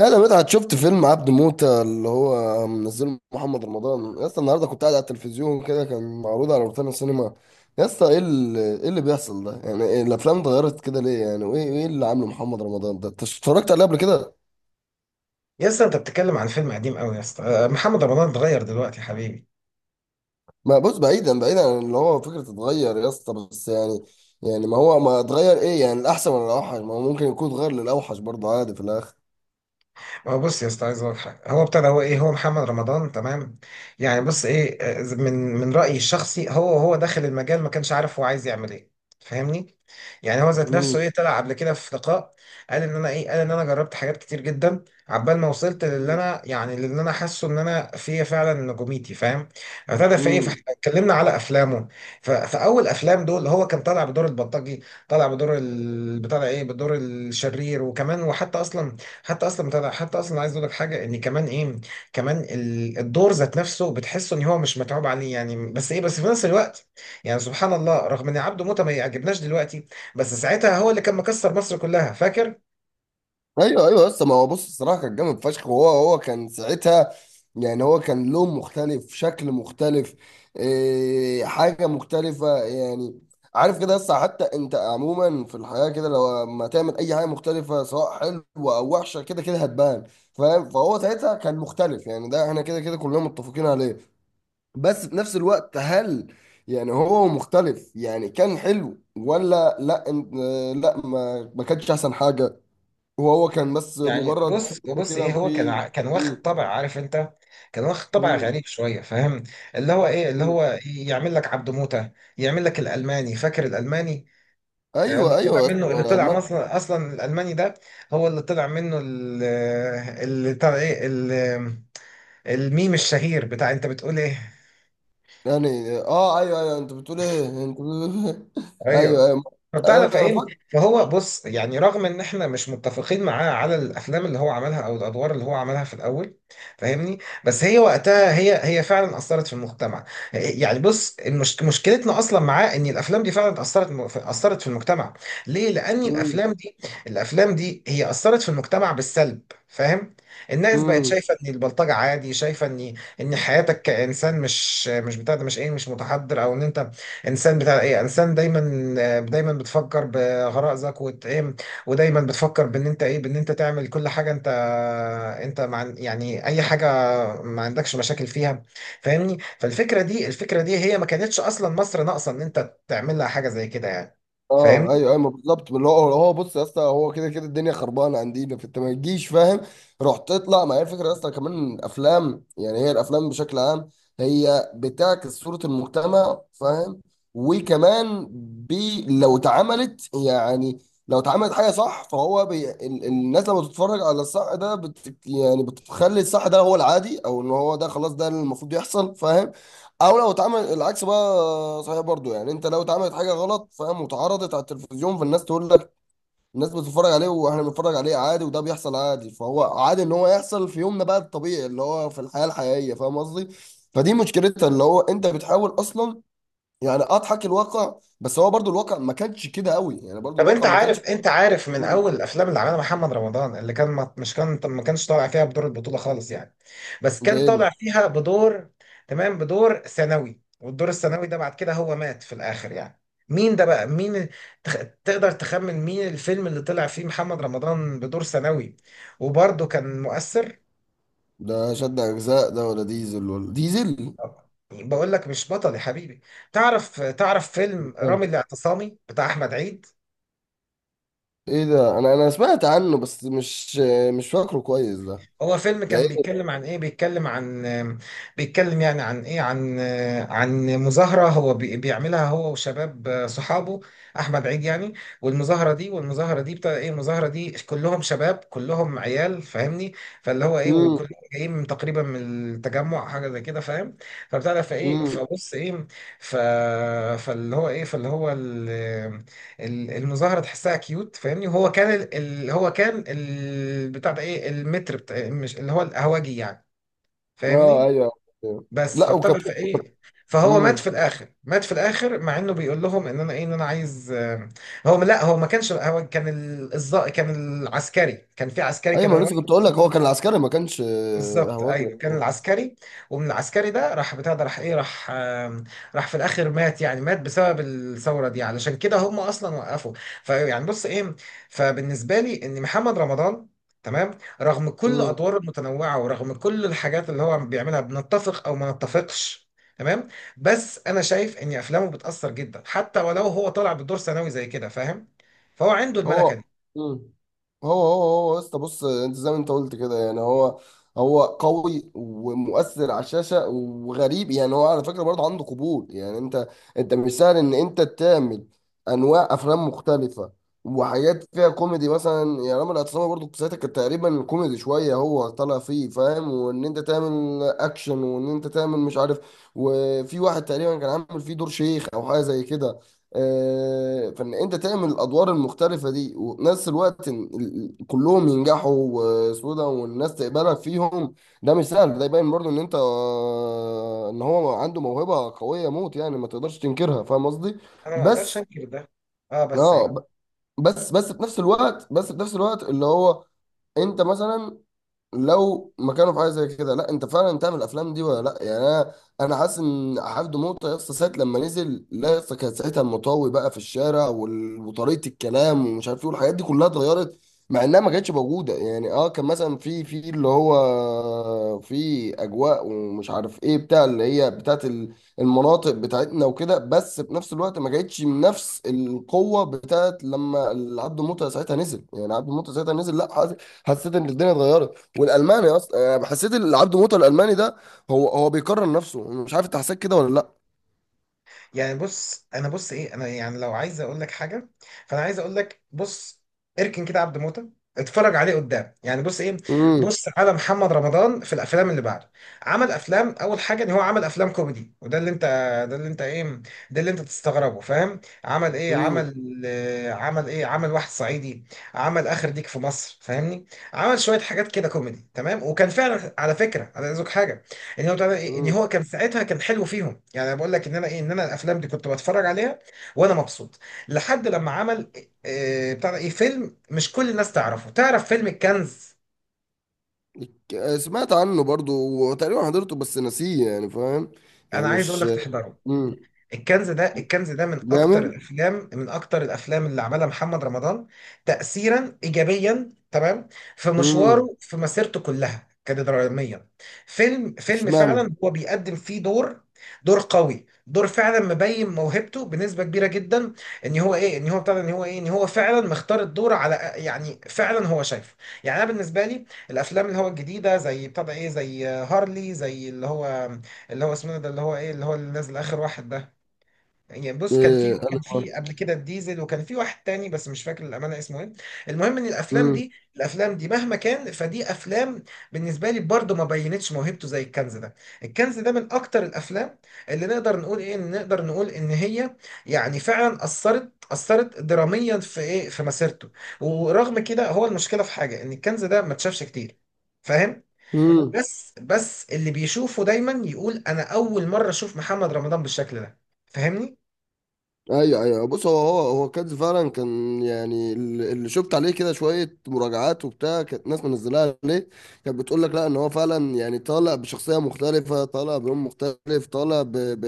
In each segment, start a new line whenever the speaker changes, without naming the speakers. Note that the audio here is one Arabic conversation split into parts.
يا ده مدحت، شفت فيلم عبد موتة اللي هو منزله محمد رمضان؟ يا اسطى، النهارده كنت قاعد على التلفزيون كده، كان معروض على روتانا السينما. يا اسطى، ايه اللي بيحصل ده؟ يعني إيه؟ الافلام اتغيرت كده ليه يعني؟ وايه اللي عامله محمد رمضان ده؟ انت اتفرجت عليه قبل كده؟
يا اسطى انت بتتكلم عن فيلم قديم قوي يا اسطى، محمد رمضان اتغير دلوقتي يا حبيبي.
ما بص، بعيدا بعيدا عن اللي هو فكره اتغير يا اسطى، بس يعني. يعني ما هو ما اتغير ايه؟ يعني الاحسن ولا الاوحش؟ ما هو ممكن يكون اتغير للاوحش برضه، عادي في الاخر.
هو بص يا اسطى، عايز اقول لك حاجه. هو ابتدى، هو ايه، هو محمد رمضان، تمام. يعني بص ايه، من رايي الشخصي، هو داخل المجال، ما كانش عارف هو عايز يعمل ايه. فاهمني. يعني هو ذات نفسه ايه، طلع قبل كده في لقاء، قال ان انا ايه، قال ان انا جربت حاجات كتير جدا عبال ما وصلت للي انا، يعني للي انا حاسه ان انا فيا فعلا نجوميتي، فاهم. ابتدى في ايه،
امم.
فاحنا اتكلمنا على افلامه. فاول افلام دول هو كان طالع بدور البلطجي، طالع بدور بتاع ده ايه، بدور الشرير وكمان. وحتى اصلا، حتى اصلا عايز اقول لك حاجه، ان كمان ايه، كمان الدور ذات نفسه بتحسه ان هو مش متعوب عليه يعني، بس ايه، بس في نفس الوقت، يعني سبحان الله، رغم ان عبده موته ما يعجبناش دلوقتي، بس ساعتها هو اللي كان مكسر مصر كلها، فاكر.
ايوه ايوه، بس ما هو بص، الصراحه كان جامد فشخ، وهو كان ساعتها. يعني هو كان لون مختلف، شكل مختلف. إيه، حاجه مختلفه يعني. عارف كده، بس حتى انت عموما في الحياه كده، لو ما تعمل اي حاجه مختلفه سواء حلوه او وحشه، كده كده هتبان، فاهم. فهو ساعتها كان مختلف يعني، ده احنا كده كده كلنا متفقين عليه. بس في نفس الوقت هل؟ يعني هو مختلف يعني، كان حلو ولا لا؟ لا، ما كانش احسن حاجه. وهو كان بس
يعني
مجرد
بص
فيلم
بص
كده
ايه، هو كان
فيه.
كان واخد
مم.
طبع، عارف انت، كان واخد طبع
مم.
غريب شويه، فاهم. اللي هو ايه، اللي هو
مم.
يعمل لك عبده موته، يعمل لك الالماني، فاكر الالماني؟ أيوة، اللي
ايوه
طلع
ايوه، أصل
منه، اللي
هو
طلع اصلا، الالماني ده هو اللي طلع منه اللي طلع ايه الميم الشهير، بتاع انت بتقول ايه.
يعني ايوه ايوه، انت بتقول ايه.
ايوه.
ايوه ايوه.
فبتعرف
انا
ايه،
فاكر.
فهو بص، يعني رغم ان احنا مش متفقين معاه على الافلام اللي هو عملها او الادوار اللي هو عملها في الاول، فاهمني. بس هي وقتها هي فعلا اثرت في المجتمع. يعني بص، مشكلتنا اصلا معاه ان الافلام دي فعلا اثرت، اثرت في المجتمع. ليه؟ لان
مم.
الافلام دي، هي اثرت في المجتمع بالسلب، فاهم. الناس بقت
مم.
شايفه ان البلطجه عادي، شايفه ان حياتك كانسان مش بتاع ده، مش ايه، مش متحضر، او ان انت انسان بتاع ايه، انسان دايما بتفكر بغرائزك، وت ايه ودايما بتفكر بان انت ايه، بان انت تعمل كل حاجه، انت انت مع يعني اي حاجه ما عندكش مشاكل فيها، فاهمني. فالفكره دي، الفكره دي هي ما كانتش اصلا مصر ناقصه ان انت تعمل لها حاجه زي كده يعني،
اه
فاهمني.
ايوه ايوه، ما بالظبط، اللي هو بص يا اسطى، هو كده كده الدنيا خربانه عندنا، فانت ما تجيش فاهم. روح تطلع، ما هي الفكره يا اسطى، كمان افلام يعني، هي الافلام بشكل عام هي بتعكس صوره المجتمع، فاهم. وكمان، لو اتعملت يعني، لو اتعملت حاجه صح، فهو الناس لما بتتفرج على الصح ده يعني بتخلي الصح ده هو العادي، او ان هو ده خلاص ده اللي المفروض يحصل، فاهم. او لو اتعمل العكس بقى صحيح برضو يعني، انت لو اتعملت حاجه غلط فاهم، واتعرضت على التلفزيون، فالناس تقول لك. الناس بتتفرج عليه، واحنا بنتفرج عليه عادي، وده بيحصل عادي، فهو عادي ان هو يحصل في يومنا، بقى الطبيعي اللي هو في الحياه الحقيقيه، فاهم قصدي. فدي مشكلتها، اللي هو انت بتحاول اصلا، يعني اضحك الواقع، بس هو برضو الواقع ما كانش كده قوي يعني، برضو
طب انت
الواقع ما
عارف
كانش.
انت عارف من
مم.
اول الافلام اللي عملها محمد رمضان، اللي كان ما مش كان ما كانش طالع فيها بدور البطولة خالص يعني، بس
ده
كان
ايه
طالع
ده؟
فيها بدور، تمام، بدور ثانوي، والدور الثانوي ده بعد كده هو مات في الاخر يعني. مين ده بقى؟ مين؟ تخ... تقدر تخمن مين الفيلم اللي طلع فيه محمد رمضان بدور ثانوي وبرضه كان مؤثر؟
ده شد اجزاء ده ولا ديزل؟
بقول لك مش بطل يا حبيبي. تعرف فيلم
آه.
رامي الاعتصامي بتاع احمد عيد؟
ايه ده، انا سمعت عنه بس مش فاكره كويس ده.
هو فيلم
ده
كان
إيه؟
بيتكلم عن ايه، بيتكلم عن، بيتكلم يعني عن ايه، عن، عن مظاهرة، بيعملها هو وشباب صحابه، احمد عيد يعني. والمظاهرة دي، بتاع ايه، المظاهرة دي كلهم شباب، كلهم عيال، فاهمني. فاللي هو ايه،
امم.
وكلهم جايين من تقريبا من التجمع، حاجة زي كده، فاهم. فبتاع ده، فايه،
امم.
فبص ايه، ف فاللي هو ايه، فاللي هو المظاهره تحسها كيوت، فاهمني. وهو كان هو كان بتاع ده ايه، المتر بتاع، مش اللي هو القهوجي يعني،
اه
فاهمني.
ايوه. أيوة.
بس
لا، وكان.
فابتدى في ايه، فهو مات في
امم.
الاخر، مات في الاخر مع انه بيقول لهم ان انا ايه، ان انا عايز، هو لا، هو ما كانش، هو كان كان العسكري، كان في، عسكري
ايوه،
كان.
ما أنا لسه كنت اقول لك هو كان عسكري، ما كانش
بالظبط
هواجي.
ايوه، كان العسكري. ومن العسكري ده راح، بتاع ده راح ايه، راح راح في الاخر، مات يعني، مات بسبب الثوره دي، علشان كده هم اصلا وقفوا. فيعني بص ايه، فبالنسبه لي، ان محمد رمضان، تمام، رغم كل
امم.
ادواره المتنوعه، ورغم كل الحاجات اللي هو بيعملها، بنتفق او ما نتفقش، تمام، بس انا شايف ان افلامه بتاثر جدا حتى ولو هو طالع بدور ثانوي زي كده، فاهم. فهو عنده الملكه
هو.
دي.
مم. هو هو يا اسطى، بص، انت زي ما انت قلت كده يعني، هو هو قوي ومؤثر على الشاشه، وغريب يعني، هو على فكره برضه عنده قبول، يعني انت، انت مش سهل ان انت تعمل انواع افلام مختلفه، وحاجات فيها كوميدي مثلا، يعني رامي الاعتصامي برضه في ساعتها كان تقريبا كوميدي شويه هو طالع فيه، فاهم، وان انت تعمل اكشن، وان انت تعمل مش عارف، وفي واحد تقريبا كان عامل فيه دور شيخ او حاجه زي كده. فان انت تعمل الادوار المختلفه دي، ونفس الوقت إن كلهم ينجحوا وسودا والناس تقبلك فيهم، ده مش سهل، ده يبين برضو ان انت ان هو عنده موهبه قويه موت يعني، ما تقدرش تنكرها، فاهم قصدي.
انا ما اقدرش
بس
انكر ده. اه بس
اه ب- بس بس في نفس الوقت بس في نفس الوقت اللي هو انت مثلا لو مكانه في حاجه زي كده، لا انت فعلا تعمل الافلام دي ولا لا، يعني انا حاسس ان حفظ موطى يا اسطى، ساعه لما نزل لا يا اسطى، كان ساعتها المطاوي بقى في الشارع، وطريقه الكلام ومش عارف ايه، والحاجات دي كلها اتغيرت. مع انها ما كانتش موجوده يعني، كان مثلا في اللي هو في اجواء ومش عارف ايه بتاع اللي هي بتاعت المناطق بتاعتنا وكده، بس في نفس الوقت ما كانتش نفس القوه بتاعت لما عبد موطى ساعتها نزل، يعني عبد موطى ساعتها نزل، لا حسيت ان الدنيا اتغيرت. والالماني اصلا، انا حسيت إن العبد موته الالماني ده هو بيكرر نفسه، مش عارف انت حسيت كده ولا لا.
يعني بص انا، بص ايه، انا يعني لو عايز اقول لك حاجه، فانا عايز اقول لك بص، اركن كده عبد موته، اتفرج عليه قدام، يعني بص ايه،
امم.
بص على محمد رمضان في الافلام اللي بعده. عمل افلام، اول حاجه ان هو عمل افلام كوميدي، وده اللي انت، ده اللي انت ايه، ده اللي انت تستغربه، فاهم. عمل ايه،
امم.
عمل عمل ايه، عمل واحد صعيدي، عمل اخر ديك في مصر، فاهمني. عمل شويه حاجات كده كوميدي، تمام، وكان فعلا على فكره، انا عايز أقولك حاجه. يعني هو طبعا ان
امم.
هو كان ساعتها، كان حلو فيهم، يعني انا بقول لك ان انا ايه، ان انا الافلام دي كنت بتفرج عليها وانا مبسوط، لحد لما عمل، بتاع ده ايه، فيلم مش كل الناس تعرفه. تعرف فيلم الكنز؟
سمعت عنه برضو وتقريبا حضرته بس نسيه يعني، فاهم. يعني
انا عايز اقول
مش.
لك تحضره.
امم.
الكنز ده، الكنز ده من اكتر
جامد.
الافلام، من اكتر الافلام اللي عملها محمد رمضان تاثيرا ايجابيا، تمام، في
امم.
مشواره، في مسيرته كلها كدراميا. فيلم
اشمعنى؟
فعلا هو بيقدم فيه دور، دور قوي، دور فعلا مبين موهبته بنسبه كبيره جدا، ان هو ايه، ان هو بتاع ده، ان هو ايه، ان هو فعلا مختار الدور، على يعني، فعلا هو شايفه. يعني انا بالنسبه لي، الافلام اللي هو الجديده، زي بتاع ده ايه، زي هارلي، زي اللي هو، اللي هو اسمه ده، اللي هو ايه، اللي هو اللي نازل اخر واحد ده. يعني بص،
ايه،
كان
انا.
في قبل كده الديزل، وكان في واحد تاني بس مش فاكر الامانه اسمه ايه. المهم، ان الافلام
امم.
دي، مهما كان، فدي افلام بالنسبه لي برضه ما بينتش موهبته زي الكنز ده. الكنز ده من اكتر الافلام اللي نقدر نقول ايه، إن نقدر نقول ان هي، يعني فعلا اثرت، اثرت دراميا في ايه، في مسيرته. ورغم كده، هو المشكله في حاجه، ان الكنز ده ما اتشافش كتير، فاهم.
امم.
بس اللي بيشوفه دايما يقول انا اول مره اشوف محمد رمضان بالشكل ده، فاهمني.
ايوه ايوه، بص، هو كانز فعلا كان يعني، اللي شفت عليه كده شويه مراجعات وبتاع، كانت ناس منزلاها عليه. كانت بتقول لك لا، ان هو فعلا يعني طالع بشخصيه مختلفه، طالع بلون مختلف، طالع ب ب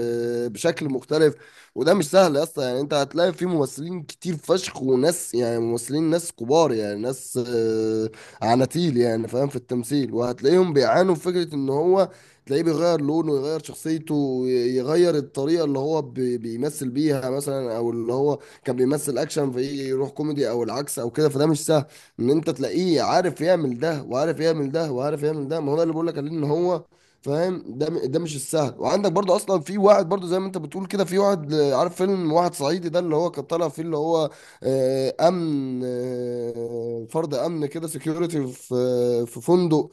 بشكل مختلف. وده مش سهل يا اسطى يعني، انت هتلاقي في ممثلين كتير فشخ، وناس يعني، ممثلين، ناس كبار يعني، ناس عناتيل يعني، فاهم، في التمثيل، وهتلاقيهم بيعانوا في فكره ان هو تلاقيه بيغير لونه، يغير شخصيته، يغير الطريقة اللي هو بيمثل بيها مثلا، او اللي هو كان بيمثل اكشن فيجي يروح كوميدي او العكس او كده، فده مش سهل ان انت تلاقيه عارف يعمل ده، وعارف يعمل ده، وعارف يعمل ده، ما هو ده اللي بقول لك عليه ان هو، فاهم، ده مش السهل، وعندك برضو اصلا في واحد برضو زي ما انت بتقول كده، في واحد عارف فيلم واحد صعيدي ده اللي هو كان طالع فيه، اللي هو امن، فرد امن كده، سكيورتي في فندق.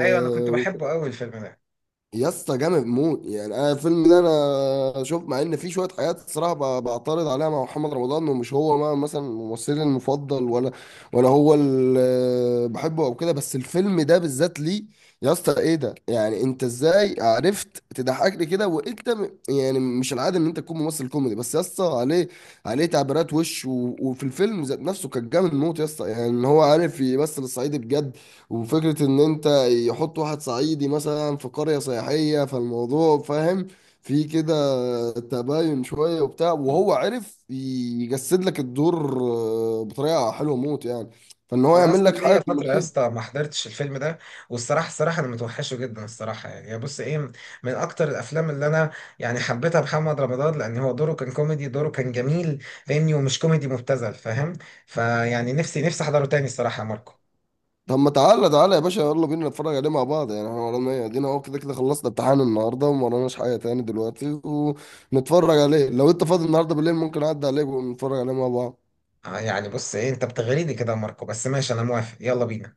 ايوه، انا كنت بحبه قوي الفيلم ده.
يا اسطى جامد موت يعني، انا الفيلم ده انا شوف، مع ان في شويه حاجات الصراحه بعترض عليها مع محمد رمضان، انه مش هو، ما مثلا ممثلي المفضل ولا، ولا هو اللي بحبه او كده، بس الفيلم ده بالذات ليه. يا اسطى ايه ده؟ يعني انت ازاي عرفت تضحكني كده وانت يعني مش العاده ان انت تكون ممثل كوميدي، بس يا اسطى عليه، عليه تعبيرات وش وفي الفيلم ذات نفسه كان جامد موت يا اسطى يعني، ان هو عارف يمثل الصعيدي بجد. وفكرة إن أنت يحط واحد صعيدي مثلا في قرية سياحية، فالموضوع فاهم، في كده تباين شوية وبتاع، وهو عرف يجسد لك الدور بطريقة حلوة موت يعني، فإن هو
انا
يعمل
اصلا
لك حاجة
ليا فتره يا
كوميدية.
اسطى ما حضرتش الفيلم ده، والصراحه، الصراحه انا متوحشه جدا، الصراحه يعني، يا بص ايه، من اكتر الافلام اللي انا يعني حبيتها محمد رمضان، لان هو دوره كان كوميدي، دوره كان جميل، فاهمني، ومش كوميدي مبتذل، فاهم. فيعني نفسي احضره تاني الصراحه يا ماركو.
طب ما، تعالى تعالى يا باشا، يلا بينا نتفرج عليه مع بعض، يعني احنا ورانا ايه؟ ادينا اهو كده كده خلصنا امتحان النهارده، وما وراناش حاجه تاني دلوقتي، ونتفرج عليه لو انت فاضي النهارده بالليل، ممكن اعدي عليك ونتفرج عليه مع بعض.
يعني بص ايه، انت بتغريني كده يا ماركو، بس ماشي، انا موافق، يلا بينا.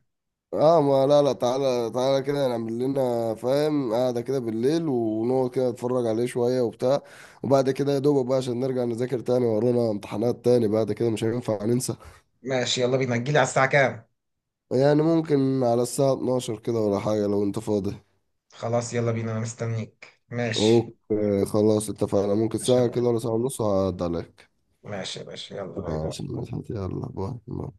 اه ما لا لا، تعالى تعالى كده نعمل لنا فاهم قاعدة كده بالليل، ونقعد كده نتفرج عليه شوية وبتاع، وبعد كده يا دوبك بقى عشان نرجع نذاكر تاني، ورانا امتحانات تاني بعد كده مش هينفع ننسى.
ماشي، يلا بينا، تجيلي على الساعه كام؟
يعني ممكن على الساعة 12 كده، ولا حاجة لو انت فاضي.
خلاص، يلا بينا، انا مستنيك، ماشي.
اوكي خلاص اتفقنا، ممكن
ماشي يا
ساعة كده ولا
ماركو.
ساعة ونص هعدي عليك.
ماشي يا باشا، يلا، باي
ماشي
باي.
ماشي، يلا باي.